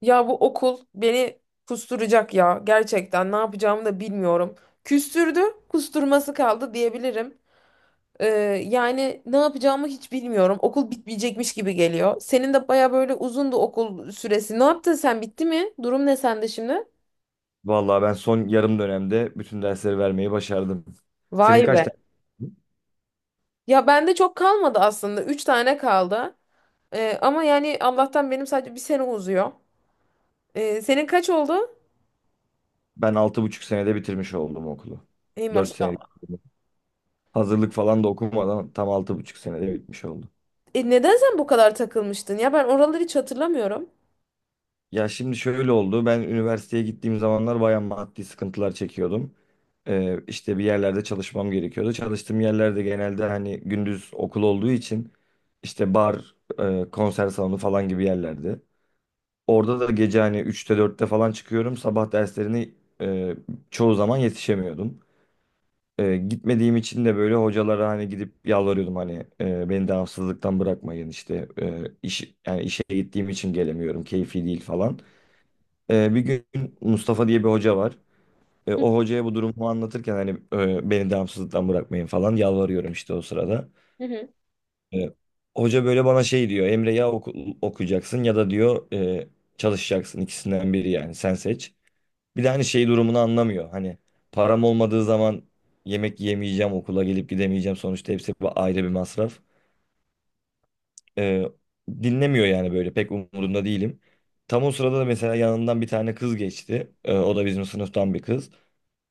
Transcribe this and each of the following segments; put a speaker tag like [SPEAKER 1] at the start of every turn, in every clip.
[SPEAKER 1] Ya bu okul beni kusturacak ya. Gerçekten ne yapacağımı da bilmiyorum. Küstürdü, kusturması kaldı diyebilirim. Ee, yani ne yapacağımı hiç bilmiyorum. Okul bitmeyecekmiş gibi geliyor. Senin de baya böyle uzundu okul süresi. Ne yaptın sen? Bitti mi? Durum ne sende şimdi?
[SPEAKER 2] Vallahi ben son yarım dönemde bütün dersleri vermeyi başardım. Senin
[SPEAKER 1] Vay
[SPEAKER 2] kaç
[SPEAKER 1] be.
[SPEAKER 2] tane?
[SPEAKER 1] Ya bende çok kalmadı aslında. Üç tane kaldı. Ama yani Allah'tan benim sadece bir sene uzuyor. Senin kaç oldu?
[SPEAKER 2] Ben 6,5 senede bitirmiş oldum okulu.
[SPEAKER 1] Ey
[SPEAKER 2] 4 senelik.
[SPEAKER 1] maşallah.
[SPEAKER 2] Hazırlık falan da okumadan tam 6,5 senede bitmiş oldu.
[SPEAKER 1] Neden sen bu kadar takılmıştın? Ya ben oraları hiç hatırlamıyorum.
[SPEAKER 2] Ya şimdi şöyle oldu. Ben üniversiteye gittiğim zamanlar bayağı maddi sıkıntılar çekiyordum. İşte bir yerlerde çalışmam gerekiyordu. Çalıştığım yerlerde genelde hani gündüz okul olduğu için işte bar, konser salonu falan gibi yerlerde. Orada da gece hani üçte dörtte falan çıkıyorum. Sabah derslerini e, çoğu zaman yetişemiyordum. Gitmediğim için de böyle hocalara hani gidip yalvarıyordum hani beni devamsızlıktan bırakmayın işte yani işe gittiğim için gelemiyorum keyfi değil falan. Bir gün Mustafa diye bir hoca var. O hocaya bu durumu anlatırken hani beni devamsızlıktan bırakmayın falan yalvarıyorum işte o sırada.
[SPEAKER 1] Hı hı.
[SPEAKER 2] E, hoca böyle bana şey diyor, Emre ya okuyacaksın ya da diyor çalışacaksın, ikisinden biri, yani sen seç. Bir de hani şey durumunu anlamıyor. Hani param olmadığı zaman yemek yemeyeceğim, okula gelip gidemeyeceğim. Sonuçta hepsi bu ayrı bir masraf. Ee, dinlemiyor yani, böyle pek umurunda değilim. Tam o sırada da mesela yanından bir tane kız geçti. O da bizim sınıftan bir kız.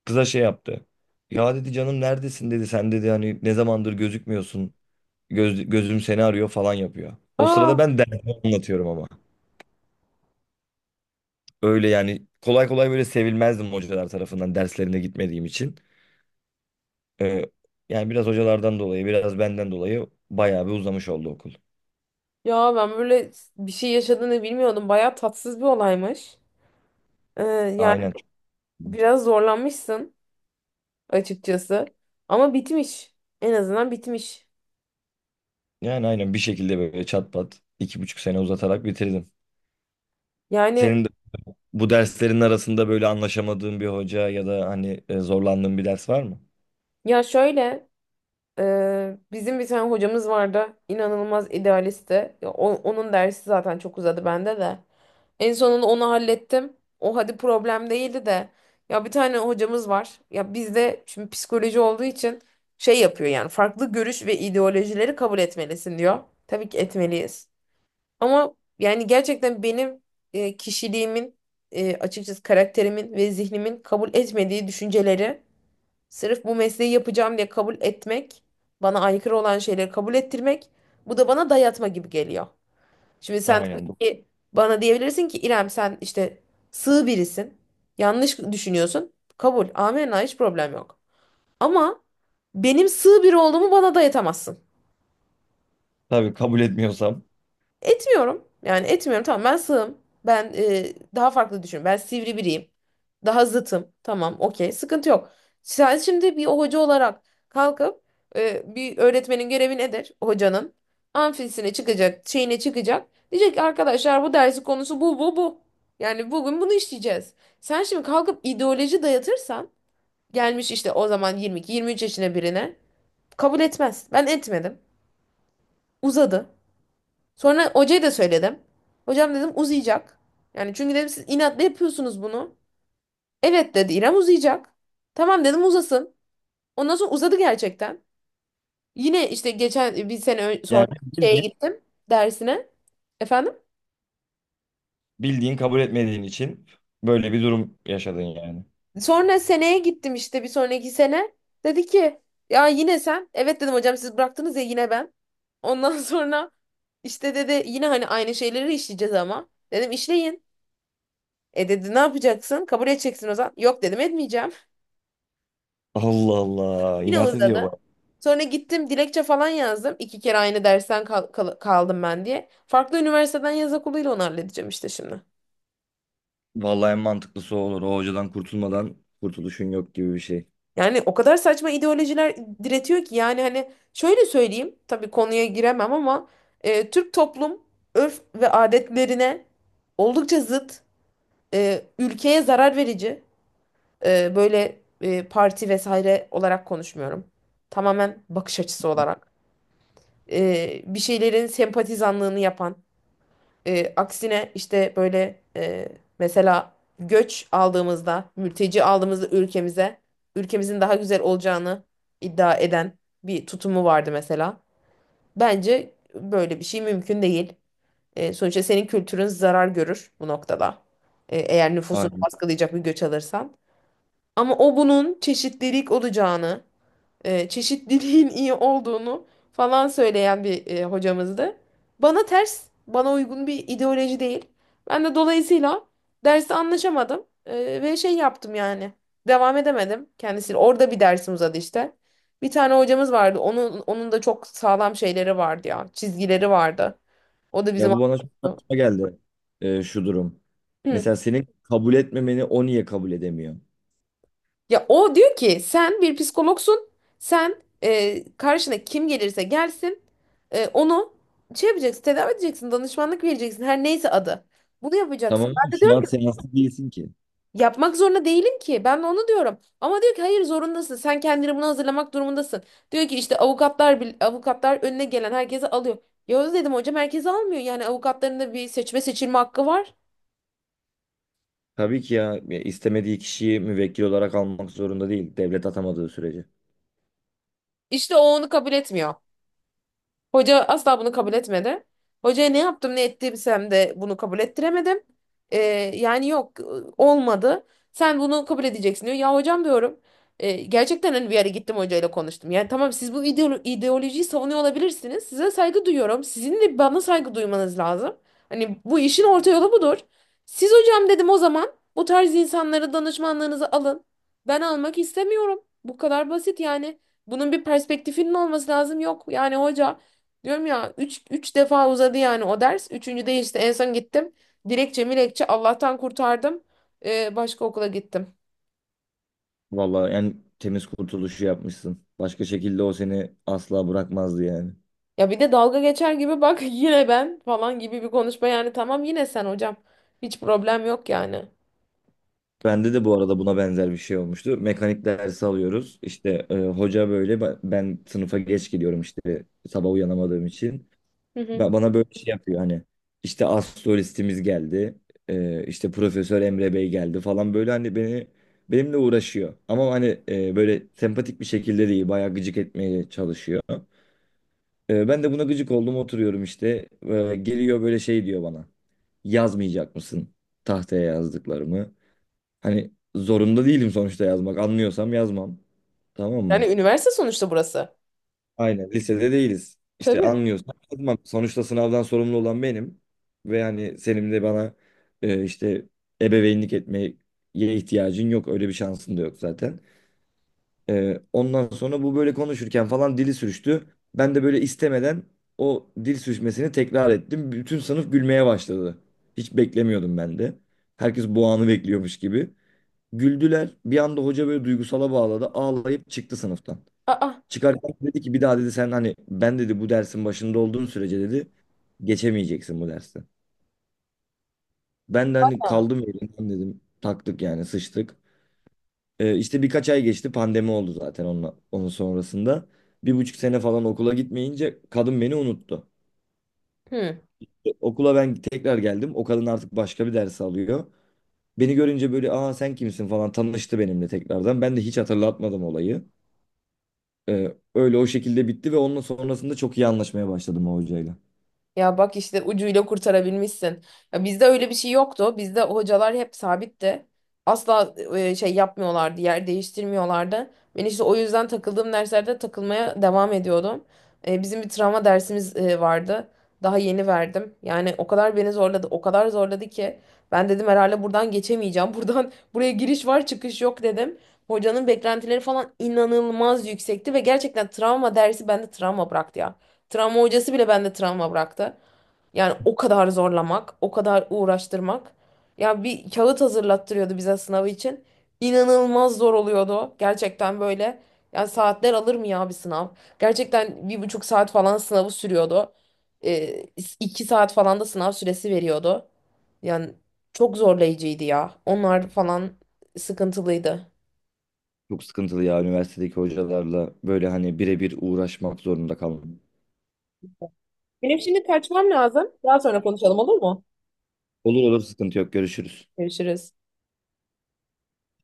[SPEAKER 2] Kıza şey yaptı. Ya dedi canım neredesin dedi. Sen dedi hani ne zamandır gözükmüyorsun. Gözüm seni arıyor falan yapıyor. O sırada
[SPEAKER 1] Aa.
[SPEAKER 2] ben dersimi anlatıyorum ama. Öyle yani, kolay kolay böyle sevilmezdim hocalar tarafından, derslerine gitmediğim için. Ee, yani biraz hocalardan dolayı, biraz benden dolayı bayağı bir uzamış oldu okul.
[SPEAKER 1] Ya ben böyle bir şey yaşadığını bilmiyordum. Bayağı tatsız bir olaymış. Yani
[SPEAKER 2] Aynen.
[SPEAKER 1] biraz zorlanmışsın açıkçası. Ama bitmiş. En azından bitmiş.
[SPEAKER 2] Yani aynen bir şekilde böyle çat pat 2,5 sene uzatarak bitirdim.
[SPEAKER 1] Yani
[SPEAKER 2] Senin de bu derslerin arasında böyle anlaşamadığın bir hoca ya da hani zorlandığın bir ders var mı?
[SPEAKER 1] ya şöyle bizim bir tane hocamız vardı. İnanılmaz idealistti. Ya onun dersi zaten çok uzadı bende de. En sonunda onu hallettim. O hadi problem değildi de. Ya bir tane hocamız var. Ya bizde şimdi psikoloji olduğu için şey yapıyor, yani farklı görüş ve ideolojileri kabul etmelisin diyor. Tabii ki etmeliyiz. Ama yani gerçekten benim kişiliğimin, açıkçası karakterimin ve zihnimin kabul etmediği düşünceleri sırf bu mesleği yapacağım diye kabul etmek, bana aykırı olan şeyleri kabul ettirmek, bu da bana dayatma gibi geliyor. Şimdi sen tabii
[SPEAKER 2] Aynen.
[SPEAKER 1] ki bana diyebilirsin ki İrem sen işte sığ birisin. Yanlış düşünüyorsun. Kabul. Amenna, hiç problem yok. Ama benim sığ biri olduğumu bana dayatamazsın.
[SPEAKER 2] Tabii, kabul etmiyorsam.
[SPEAKER 1] Etmiyorum. Yani etmiyorum. Tamam, ben sığım. Ben daha farklı düşünüyorum. Ben sivri biriyim. Daha zıtım. Tamam, okey. Sıkıntı yok. Sen şimdi bir hoca olarak kalkıp bir öğretmenin görevi nedir? Hocanın amfisine çıkacak, şeyine çıkacak. Diyecek ki arkadaşlar bu dersin konusu bu bu bu. Yani bugün bunu işleyeceğiz. Sen şimdi kalkıp ideoloji dayatırsan, gelmiş işte o zaman 22-23 yaşına birine, kabul etmez. Ben etmedim. Uzadı. Sonra hocaya da söyledim. Hocam dedim uzayacak. Yani çünkü dedim siz inatla yapıyorsunuz bunu. Evet dedi İrem uzayacak. Tamam dedim uzasın. Ondan sonra uzadı gerçekten. Yine işte geçen bir sene sonra
[SPEAKER 2] Yani
[SPEAKER 1] şeye
[SPEAKER 2] bildiğin,
[SPEAKER 1] gittim, dersine. Efendim?
[SPEAKER 2] bildiğin kabul etmediğin için böyle bir durum yaşadın yani.
[SPEAKER 1] Sonra seneye gittim işte bir sonraki sene. Dedi ki ya yine sen. Evet dedim hocam siz bıraktınız ya yine ben. Ondan sonra işte dedi yine hani aynı şeyleri işleyeceğiz ama. Dedim işleyin. E dedi ne yapacaksın? Kabul edeceksin o zaman. Yok dedim etmeyeceğim.
[SPEAKER 2] Allah Allah,
[SPEAKER 1] Yine
[SPEAKER 2] inat ediyor
[SPEAKER 1] uzadı.
[SPEAKER 2] bak.
[SPEAKER 1] Sonra gittim dilekçe falan yazdım. İki kere aynı dersten kaldım ben diye. Farklı üniversiteden yaz okuluyla onu halledeceğim işte şimdi.
[SPEAKER 2] Vallahi en mantıklısı o olur. O hocadan kurtulmadan kurtuluşun yok gibi bir şey.
[SPEAKER 1] Yani o kadar saçma ideolojiler diretiyor ki, yani hani şöyle söyleyeyim. Tabii konuya giremem ama Türk toplum örf ve adetlerine oldukça zıt, ülkeye zarar verici, böyle parti vesaire olarak konuşmuyorum. Tamamen bakış açısı olarak. Bir şeylerin sempatizanlığını yapan, aksine işte böyle mesela göç aldığımızda, mülteci aldığımızda ülkemize, ülkemizin daha güzel olacağını iddia eden bir tutumu vardı mesela. Bence böyle bir şey mümkün değil. E, sonuçta senin kültürün zarar görür bu noktada. E, eğer nüfusunu baskılayacak bir göç alırsan. Ama o bunun çeşitlilik olacağını, çeşitliliğin iyi olduğunu falan söyleyen bir hocamızdı. Bana ters, bana uygun bir ideoloji değil. Ben de dolayısıyla dersi anlaşamadım ve şey yaptım yani. Devam edemedim kendisiyle. Orada bir dersim uzadı işte. Bir tane hocamız vardı. Onun da çok sağlam şeyleri vardı ya. Çizgileri vardı. O da
[SPEAKER 2] Ya
[SPEAKER 1] bizim
[SPEAKER 2] bu bana çok saçma geldi şu durum. Mesela senin kabul etmemeni o niye kabul edemiyor?
[SPEAKER 1] Ya o diyor ki sen bir psikologsun. Sen karşına kim gelirse gelsin, onu şey yapacaksın, tedavi edeceksin, danışmanlık vereceksin, her neyse adı. Bunu yapacaksın.
[SPEAKER 2] Tamam mı?
[SPEAKER 1] Ben de
[SPEAKER 2] Şu
[SPEAKER 1] diyorum
[SPEAKER 2] an
[SPEAKER 1] ki
[SPEAKER 2] seanslı değilsin ki.
[SPEAKER 1] yapmak zorunda değilim ki. Ben de onu diyorum. Ama diyor ki hayır zorundasın. Sen kendini buna hazırlamak durumundasın. Diyor ki işte avukatlar avukatlar önüne gelen herkese alıyor. Ya dedim hocam herkese almıyor. Yani avukatların da bir seçme seçilme hakkı var.
[SPEAKER 2] Tabii ki ya, ya istemediği kişiyi müvekkil olarak almak zorunda değil. Devlet atamadığı sürece.
[SPEAKER 1] İşte o onu kabul etmiyor. Hoca asla bunu kabul etmedi. Hocaya ne yaptım ne ettiysem de bunu kabul ettiremedim. Ee, yani yok, olmadı. Sen bunu kabul edeceksin diyor. Ya hocam diyorum. Gerçekten hani bir yere gittim hocayla konuştum. Yani tamam siz bu ideolojiyi savunuyor olabilirsiniz. Size saygı duyuyorum. Sizin de bana saygı duymanız lazım. Hani bu işin orta yolu budur. Siz hocam dedim o zaman bu tarz insanları danışmanlığınızı alın. Ben almak istemiyorum. Bu kadar basit yani. Bunun bir perspektifinin olması lazım. Yok yani hoca. Diyorum ya üç defa uzadı yani o ders. Üçüncüde işte en son gittim. Dilekçe milekçe Allah'tan kurtardım. Başka okula gittim.
[SPEAKER 2] Vallahi yani temiz kurtuluşu yapmışsın. Başka şekilde o seni asla bırakmazdı yani.
[SPEAKER 1] Ya bir de dalga geçer gibi bak yine ben falan gibi bir konuşma, yani tamam yine sen hocam. Hiç problem yok yani.
[SPEAKER 2] Bende de bu arada buna benzer bir şey olmuştu. Mekanik dersi alıyoruz. İşte hoca böyle, ben sınıfa geç gidiyorum işte, sabah uyanamadığım için.
[SPEAKER 1] Hı hı.
[SPEAKER 2] Bana böyle şey yapıyor hani, işte astrolistimiz geldi, işte Profesör Emre Bey geldi falan böyle, hani benimle uğraşıyor. Ama hani böyle sempatik bir şekilde değil, bayağı gıcık etmeye çalışıyor. Ben de buna gıcık oldum, oturuyorum işte. Geliyor böyle şey diyor bana, yazmayacak mısın tahtaya yazdıklarımı? Hani zorunda değilim sonuçta yazmak, anlıyorsam yazmam, tamam
[SPEAKER 1] Yani
[SPEAKER 2] mı?
[SPEAKER 1] üniversite sonuçta burası.
[SPEAKER 2] Aynen, lisede değiliz. İşte
[SPEAKER 1] Tabii.
[SPEAKER 2] anlıyorsan kızmam. Sonuçta sınavdan sorumlu olan benim. Ve hani senin de bana e, işte ebeveynlik etmeye ihtiyacın yok. Öyle bir şansın da yok zaten. Ondan sonra bu böyle konuşurken falan dili sürçtü. Ben de böyle istemeden o dil sürçmesini tekrar ettim. Bütün sınıf gülmeye başladı. Hiç beklemiyordum ben de. Herkes bu anı bekliyormuş gibi. Güldüler. Bir anda hoca böyle duygusala bağladı. Ağlayıp çıktı sınıftan.
[SPEAKER 1] Aa.
[SPEAKER 2] Çıkarken dedi ki, bir daha dedi sen, hani ben dedi bu dersin başında olduğun sürece dedi geçemeyeceksin bu dersi. Ben de hani kaldım yerimden, dedim taktık yani, sıçtık. İşte birkaç ay geçti, pandemi oldu zaten onunla, onun sonrasında. 1,5 sene falan okula gitmeyince kadın beni unuttu.
[SPEAKER 1] Hı.
[SPEAKER 2] Okula ben tekrar geldim, o kadın artık başka bir ders alıyor. Beni görünce böyle, aa sen kimsin falan, tanıştı benimle tekrardan. Ben de hiç hatırlatmadım olayı. Öyle o şekilde bitti ve onun sonrasında çok iyi anlaşmaya başladım o hocayla.
[SPEAKER 1] Ya bak işte ucuyla kurtarabilmişsin. Ya bizde öyle bir şey yoktu. Bizde hocalar hep sabitti. Asla şey yapmıyorlardı, yer değiştirmiyorlardı. Ben işte o yüzden takıldığım derslerde takılmaya devam ediyordum. Bizim bir travma dersimiz vardı. Daha yeni verdim. Yani o kadar beni zorladı, o kadar zorladı ki ben dedim herhalde buradan geçemeyeceğim. Buradan buraya giriş var, çıkış yok dedim. Hocanın beklentileri falan inanılmaz yüksekti ve gerçekten travma dersi bende travma bıraktı ya. Travma hocası bile bende travma bıraktı. Yani o kadar zorlamak, o kadar uğraştırmak. Ya bir kağıt hazırlattırıyordu bize sınavı için. İnanılmaz zor oluyordu. Gerçekten böyle. Yani saatler alır mı ya bir sınav? Gerçekten 1,5 saat falan sınavı sürüyordu. Ee, 2 saat falan da sınav süresi veriyordu. Yani çok zorlayıcıydı ya. Onlar falan sıkıntılıydı.
[SPEAKER 2] Çok sıkıntılı ya üniversitedeki hocalarla böyle hani birebir uğraşmak zorunda kalmak.
[SPEAKER 1] Benim şimdi kaçmam lazım. Daha sonra konuşalım, olur mu?
[SPEAKER 2] Olur olur, sıkıntı yok, görüşürüz.
[SPEAKER 1] Görüşürüz.